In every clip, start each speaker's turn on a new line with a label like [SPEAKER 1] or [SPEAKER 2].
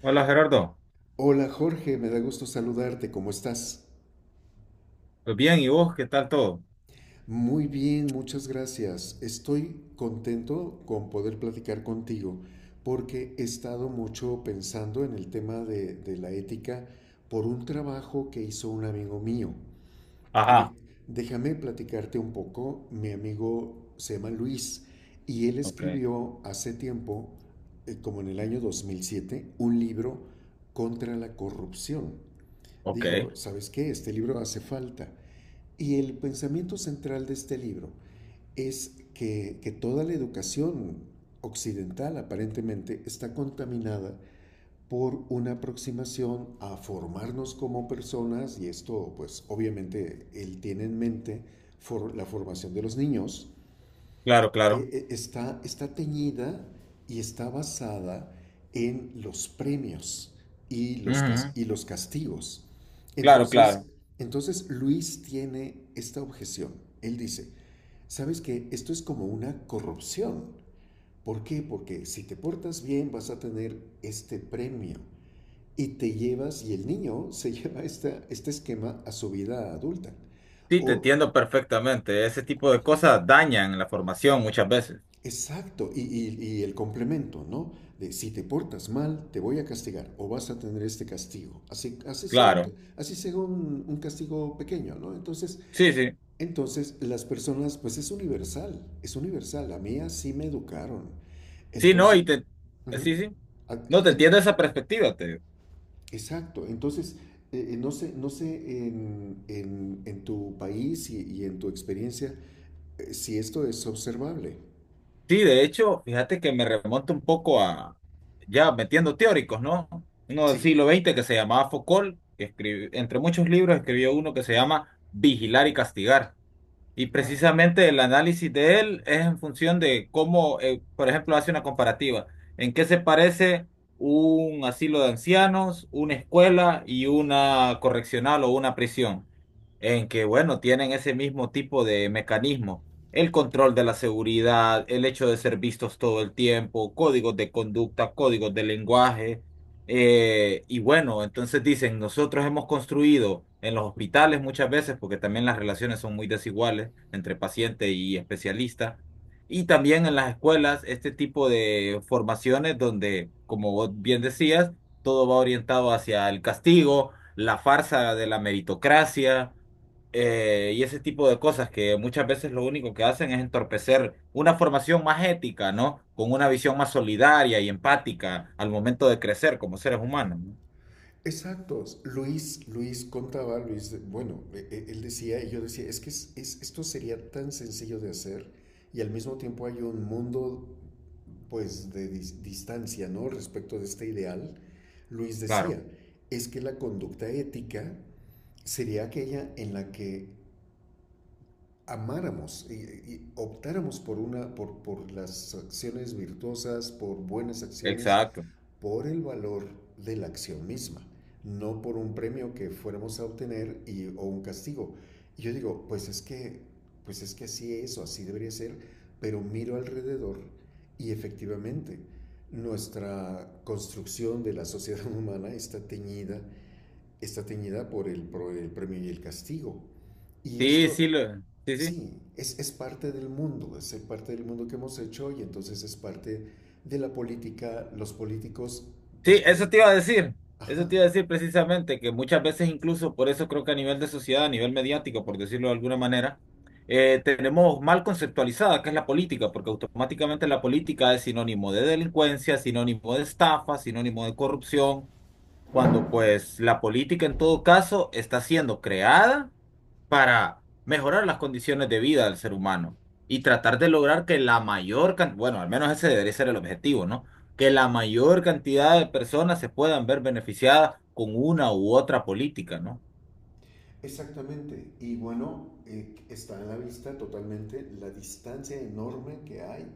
[SPEAKER 1] Hola Gerardo,
[SPEAKER 2] Hola Jorge, me da gusto saludarte, ¿cómo estás?
[SPEAKER 1] pues bien, ¿y vos qué tal todo?
[SPEAKER 2] Muy bien, muchas gracias. Estoy contento con poder platicar contigo porque he estado mucho pensando en el tema de la ética por un trabajo que hizo un amigo mío. De-
[SPEAKER 1] Ajá.
[SPEAKER 2] Déjame platicarte un poco, mi amigo se llama Luis y él
[SPEAKER 1] Ok,
[SPEAKER 2] escribió hace tiempo, como en el año 2007, un libro contra la corrupción.
[SPEAKER 1] ok.
[SPEAKER 2] Dijo, ¿sabes qué? Este libro hace falta. Y el pensamiento central de este libro es que toda la educación occidental aparentemente está contaminada por una aproximación a formarnos como personas, y esto pues obviamente él tiene en mente for la formación de los niños,
[SPEAKER 1] Claro, claro.
[SPEAKER 2] está teñida y está basada en los premios y
[SPEAKER 1] Ujú.
[SPEAKER 2] y los castigos.
[SPEAKER 1] Claro,
[SPEAKER 2] Entonces,
[SPEAKER 1] claro.
[SPEAKER 2] entonces Luis tiene esta objeción. Él dice, sabes que esto es como una corrupción. ¿Por qué? Porque si te portas bien vas a tener este premio y te llevas, y el niño se lleva este esquema a su vida adulta.
[SPEAKER 1] Sí, te
[SPEAKER 2] O
[SPEAKER 1] entiendo perfectamente. Ese tipo de cosas dañan la formación muchas veces.
[SPEAKER 2] exacto, y el complemento, ¿no? De si te portas mal, te voy a castigar o vas a tener este castigo. Así,
[SPEAKER 1] Claro,
[SPEAKER 2] así sea un castigo pequeño, ¿no? Entonces,
[SPEAKER 1] sí, sí,
[SPEAKER 2] entonces, las personas, pues es universal, es universal. A mí así me educaron.
[SPEAKER 1] sí, no,
[SPEAKER 2] Entonces, ujú.
[SPEAKER 1] sí, sí,
[SPEAKER 2] Ah,
[SPEAKER 1] no te
[SPEAKER 2] en-
[SPEAKER 1] entiendo esa perspectiva. Te
[SPEAKER 2] exacto, entonces, no sé, no sé en tu país y en tu experiencia si esto es observable.
[SPEAKER 1] Sí, de hecho, fíjate que me remonta un poco ya metiendo teóricos, ¿no? Uno del
[SPEAKER 2] Sí,
[SPEAKER 1] siglo XX que se llamaba Foucault, que escribió, entre muchos libros escribió uno que se llama Vigilar y Castigar. Y
[SPEAKER 2] wow.
[SPEAKER 1] precisamente el análisis de él es en función de cómo, por ejemplo, hace una comparativa. ¿En qué se parece un asilo de ancianos, una escuela y una correccional o una prisión? En que, bueno, tienen ese mismo tipo de mecanismo. El control de la seguridad, el hecho de ser vistos todo el tiempo, códigos de conducta, códigos de lenguaje. Y bueno, entonces dicen, nosotros hemos construido en los hospitales muchas veces, porque también las relaciones son muy desiguales entre paciente y especialista, y también en las escuelas, este tipo de formaciones donde, como vos bien decías, todo va orientado hacia el castigo, la farsa de la meritocracia, y ese tipo de cosas que muchas veces lo único que hacen es entorpecer una formación más ética, ¿no? Con una visión más solidaria y empática al momento de crecer como seres humanos, ¿no?
[SPEAKER 2] Exactos. Luis contaba, Luis, bueno, él decía, y yo decía, es que esto sería tan sencillo de hacer y al mismo tiempo hay un mundo, pues, de distancia, ¿no? Respecto de este ideal. Luis
[SPEAKER 1] Claro,
[SPEAKER 2] decía, es que la conducta ética sería aquella en la que amáramos y optáramos por por las acciones virtuosas, por buenas acciones,
[SPEAKER 1] exacto.
[SPEAKER 2] por el valor de la acción misma, no por un premio que fuéramos a obtener y, o un castigo. Y yo digo, pues es que así es o así debería ser, pero miro alrededor y efectivamente nuestra construcción de la sociedad humana está teñida por el premio y el castigo. Y
[SPEAKER 1] Sí, sí,
[SPEAKER 2] esto
[SPEAKER 1] sí, sí.
[SPEAKER 2] sí, es parte del mundo, es parte del mundo que hemos hecho y entonces es parte de la política, los políticos, pues
[SPEAKER 1] Sí, eso
[SPEAKER 2] que...
[SPEAKER 1] te iba a decir. Eso
[SPEAKER 2] Ajá,
[SPEAKER 1] te iba a decir precisamente, que muchas veces incluso, por eso creo que a nivel de sociedad, a nivel mediático, por decirlo de alguna manera, tenemos mal conceptualizada qué es la política, porque automáticamente la política es sinónimo de delincuencia, sinónimo de estafa, sinónimo de corrupción. Cuando pues la política en todo caso está siendo creada para mejorar las condiciones de vida del ser humano y tratar de lograr que la mayor cantidad, bueno, al menos ese debería ser el objetivo, ¿no? Que la mayor cantidad de personas se puedan ver beneficiadas con una u otra política, ¿no?
[SPEAKER 2] exactamente. Y bueno, está en la vista totalmente la distancia enorme que hay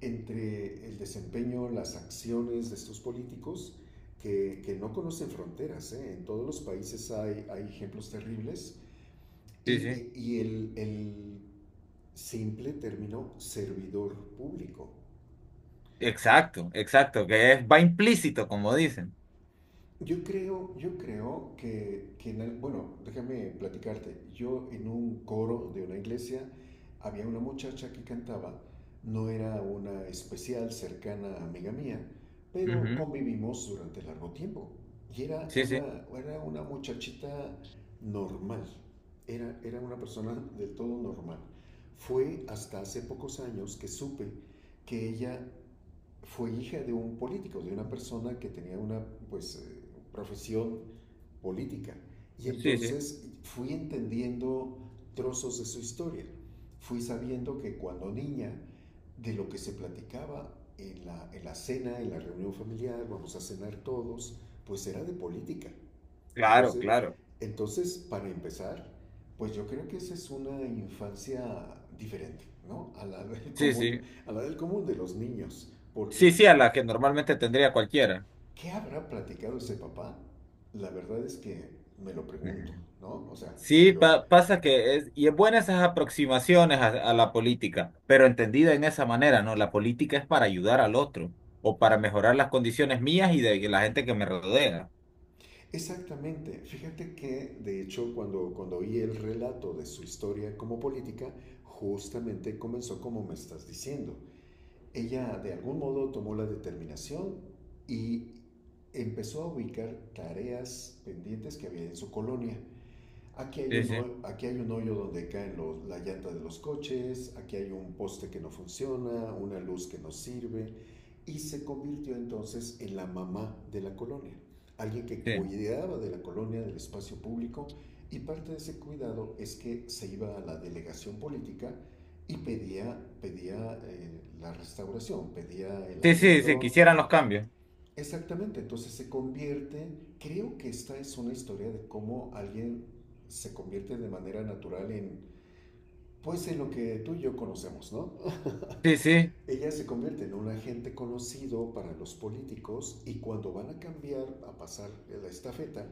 [SPEAKER 2] entre el desempeño, las acciones de estos políticos que no conocen fronteras. ¿Eh? En todos los países hay, hay ejemplos terribles
[SPEAKER 1] Sí,
[SPEAKER 2] y,
[SPEAKER 1] sí.
[SPEAKER 2] el simple término servidor público.
[SPEAKER 1] Exacto, exacto, que es, va implícito, como dicen.
[SPEAKER 2] Yo creo que, bueno, déjame platicarte. Yo en un coro de una iglesia había una muchacha que cantaba, no era una especial cercana amiga mía, pero
[SPEAKER 1] Ujú.
[SPEAKER 2] convivimos durante largo tiempo. Y
[SPEAKER 1] Sí, sí,
[SPEAKER 2] era una muchachita normal, era una persona del todo normal. Fue hasta hace pocos años que supe que ella fue hija de un político, de una persona que tenía una pues, profesión política. Y
[SPEAKER 1] sí, sí.
[SPEAKER 2] entonces fui entendiendo trozos de su historia. Fui sabiendo que cuando niña, de lo que se platicaba en en la cena, en la reunión familiar, vamos a cenar todos, pues era de política.
[SPEAKER 1] Claro,
[SPEAKER 2] Entonces,
[SPEAKER 1] claro.
[SPEAKER 2] entonces para empezar, pues yo creo que esa es una infancia diferente, ¿no? A la del
[SPEAKER 1] Sí,
[SPEAKER 2] común,
[SPEAKER 1] sí.
[SPEAKER 2] a la del común de los niños,
[SPEAKER 1] Sí,
[SPEAKER 2] porque
[SPEAKER 1] sí, a la que normalmente tendría cualquiera.
[SPEAKER 2] ¿qué habrá platicado ese papá? La verdad es que me lo pregunto, ¿no? O sea,
[SPEAKER 1] Sí,
[SPEAKER 2] pero
[SPEAKER 1] pasa que es, y es buena esas aproximaciones a la política, pero entendida en esa manera, ¿no? La política es para ayudar al otro o para mejorar las condiciones mías y de la gente que me rodea.
[SPEAKER 2] exactamente, fíjate que de hecho cuando oí el relato de su historia como política, justamente comenzó como me estás diciendo. Ella de algún modo tomó la determinación y empezó a ubicar tareas pendientes que había en su colonia.
[SPEAKER 1] Sí, sí,
[SPEAKER 2] Aquí hay un hoyo donde caen la llanta de los coches, aquí hay un poste que no funciona, una luz que no sirve, y se convirtió entonces en la mamá de la colonia, alguien que
[SPEAKER 1] sí.
[SPEAKER 2] cuidaba de la colonia, del espacio público, y parte de ese cuidado es que se iba a la delegación política y pedía, pedía la restauración, pedía el
[SPEAKER 1] Sí, sí, sí,
[SPEAKER 2] arreglo.
[SPEAKER 1] quisieran los cambios.
[SPEAKER 2] Exactamente, entonces se convierte, creo que esta es una historia de cómo alguien se convierte de manera natural en, pues en lo que tú y yo conocemos, ¿no?
[SPEAKER 1] Sí, sí,
[SPEAKER 2] Ella se convierte en un agente conocido para los políticos y cuando van a cambiar, a pasar la estafeta,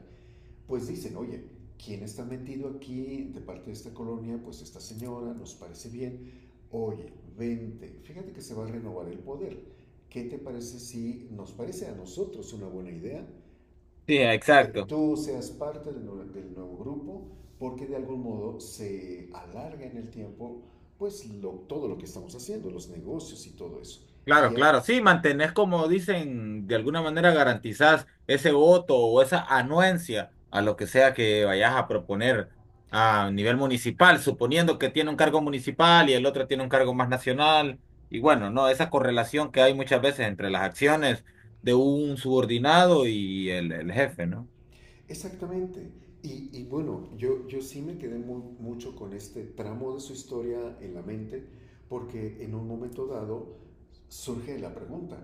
[SPEAKER 2] pues dicen, oye, ¿quién está metido aquí de parte de esta colonia? Pues esta señora, nos parece bien. Oye, vente, fíjate que se va a renovar el poder. ¿Qué te parece si nos parece a nosotros una buena idea?
[SPEAKER 1] sí,
[SPEAKER 2] Que
[SPEAKER 1] exacto.
[SPEAKER 2] tú seas parte del nuevo grupo, porque de algún modo se alarga en el tiempo pues todo lo que estamos haciendo, los negocios y todo eso. Y
[SPEAKER 1] Claro, claro, sí, mantenés como dicen, de alguna manera garantizás ese voto o esa anuencia a lo que sea que vayas a proponer a nivel municipal, suponiendo que tiene un cargo municipal y el otro tiene un cargo más nacional. Y bueno, no, esa correlación que hay muchas veces entre las acciones de un subordinado y el jefe, ¿no?
[SPEAKER 2] exactamente. Y bueno, yo sí me quedé mucho con este tramo de su historia en la mente, porque en un momento dado surge la pregunta,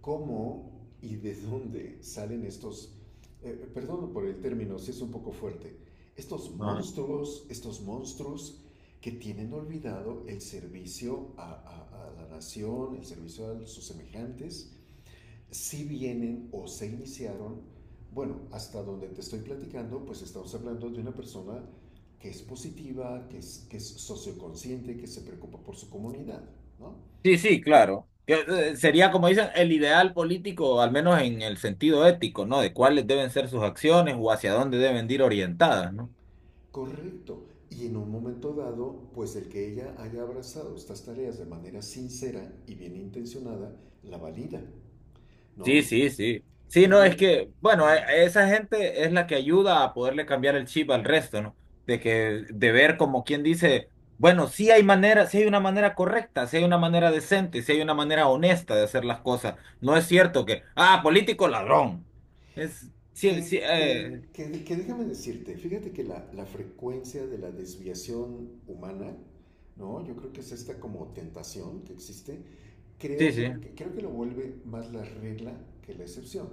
[SPEAKER 2] ¿cómo y de dónde salen estos, perdón por el término, si es un poco fuerte, estos monstruos que tienen olvidado el servicio a la nación, el servicio a sus semejantes, si vienen o se iniciaron, bueno, hasta donde te estoy platicando, pues estamos hablando de una persona que es positiva, que es socioconsciente, que se preocupa por su comunidad, ¿no?
[SPEAKER 1] Sí, sí, claro. Que, sería, como dicen, el ideal político, al menos en el sentido ético, ¿no? De cuáles deben ser sus acciones o hacia dónde deben ir orientadas, ¿no?
[SPEAKER 2] Correcto. Y en un momento dado, pues el que ella haya abrazado estas tareas de manera sincera y bien intencionada, la valida,
[SPEAKER 1] Sí,
[SPEAKER 2] ¿no?
[SPEAKER 1] sí, sí. Sí, no, es
[SPEAKER 2] Cree
[SPEAKER 1] que, bueno,
[SPEAKER 2] mm,
[SPEAKER 1] esa gente es la que ayuda a poderle cambiar el chip al resto, ¿no? De que, de ver como quien dice, bueno, sí hay manera, sí hay una manera correcta, sí hay una manera decente, sí hay una manera honesta de hacer las cosas. No es cierto que, ah, político ladrón. Es, sí, sí,
[SPEAKER 2] que déjame decirte, fíjate que la frecuencia de la desviación humana, ¿no? Yo creo que es esta como tentación que existe.
[SPEAKER 1] sí,
[SPEAKER 2] Creo
[SPEAKER 1] sí.
[SPEAKER 2] creo que lo vuelve más la regla que la excepción.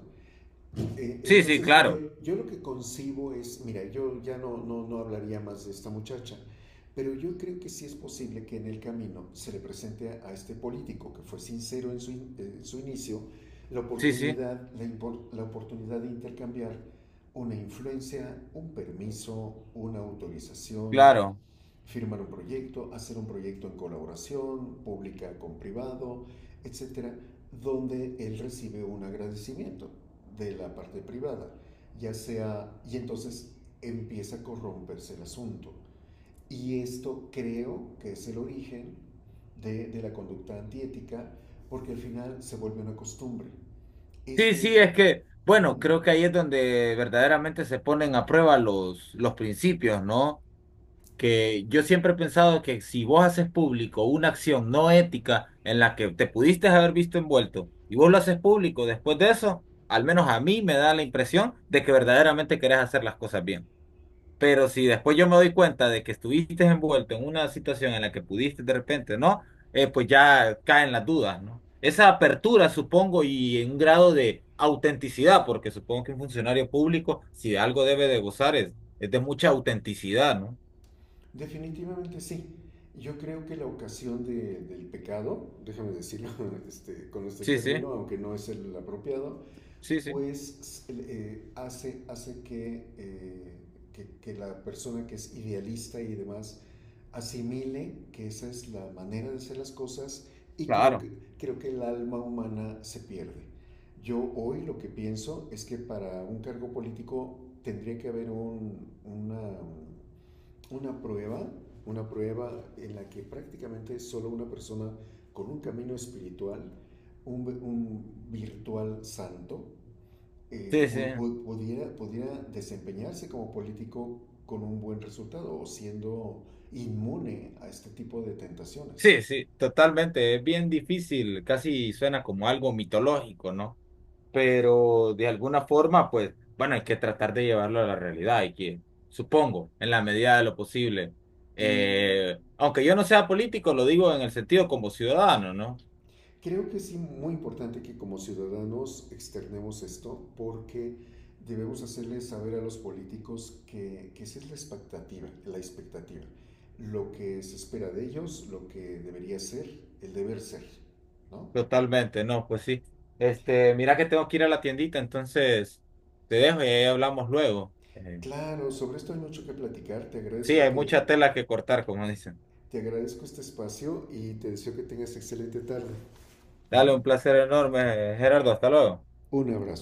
[SPEAKER 1] Sí, sí,
[SPEAKER 2] Entonces,
[SPEAKER 1] claro.
[SPEAKER 2] yo lo que concibo es, mira, yo ya no hablaría más de esta muchacha, pero yo creo que sí es posible que en el camino se le presente a este político que fue sincero en su, in, en su inicio la
[SPEAKER 1] Sí, sí,
[SPEAKER 2] oportunidad, la oportunidad de intercambiar una influencia, un permiso, una autorización,
[SPEAKER 1] claro.
[SPEAKER 2] firmar un proyecto, hacer un proyecto en colaboración pública con privado, etcétera, donde él recibe un agradecimiento de la parte privada, ya sea, y entonces empieza a corromperse el asunto. Y esto creo que es el origen de la conducta antiética, porque al final se vuelve una costumbre. Es
[SPEAKER 1] Sí, sí,
[SPEAKER 2] que
[SPEAKER 1] es que, bueno, creo que
[SPEAKER 2] mm,
[SPEAKER 1] ahí es donde verdaderamente se ponen a prueba los principios, ¿no? Que yo siempre he pensado que si vos haces público una acción no ética en la que te pudiste haber visto envuelto y vos lo haces público después de eso, al menos a mí me da la impresión de que verdaderamente querés hacer las cosas bien. Pero si después yo me doy cuenta de que estuviste envuelto en una situación en la que pudiste de repente, ¿no? Pues ya caen las dudas, ¿no? Esa apertura, supongo, y en un grado de autenticidad, porque supongo que un funcionario público, si de algo debe de gozar, es, de mucha autenticidad, ¿no?
[SPEAKER 2] definitivamente sí. Yo creo que la ocasión del pecado, déjame decirlo este, con este
[SPEAKER 1] Sí, sí,
[SPEAKER 2] término, aunque no es el apropiado,
[SPEAKER 1] sí, sí,
[SPEAKER 2] pues hace, hace que, que la persona que es idealista y demás asimile que esa es la manera de hacer las cosas y creo
[SPEAKER 1] claro.
[SPEAKER 2] creo que el alma humana se pierde. Yo hoy lo que pienso es que para un cargo político tendría que haber una prueba, una prueba en la que prácticamente solo una persona con un camino espiritual, un virtual santo,
[SPEAKER 1] Sí, sí,
[SPEAKER 2] pudiera, pudiera desempeñarse como político con un buen resultado o siendo inmune a este tipo de tentaciones.
[SPEAKER 1] sí, sí, totalmente. Es bien difícil, casi suena como algo mitológico, ¿no? Pero de alguna forma, pues, bueno, hay que tratar de llevarlo a la realidad, hay que, supongo, en la medida de lo posible.
[SPEAKER 2] Y
[SPEAKER 1] Aunque yo no sea político, lo digo en el sentido como ciudadano, ¿no?
[SPEAKER 2] creo que es muy importante que como ciudadanos externemos esto porque debemos hacerles saber a los políticos que esa es la expectativa, lo que se espera de ellos, lo que debería ser, el deber ser, ¿no?
[SPEAKER 1] Totalmente, no, pues sí. Este, mira que tengo que ir a la tiendita, entonces te dejo y ahí hablamos luego.
[SPEAKER 2] Claro, sobre esto hay mucho que platicar.
[SPEAKER 1] Sí, hay mucha tela que cortar, como dicen.
[SPEAKER 2] Te agradezco este espacio y te deseo que tengas excelente tarde.
[SPEAKER 1] Dale,
[SPEAKER 2] ¿Mm?
[SPEAKER 1] un placer enorme, Gerardo, hasta luego.
[SPEAKER 2] Un abrazo.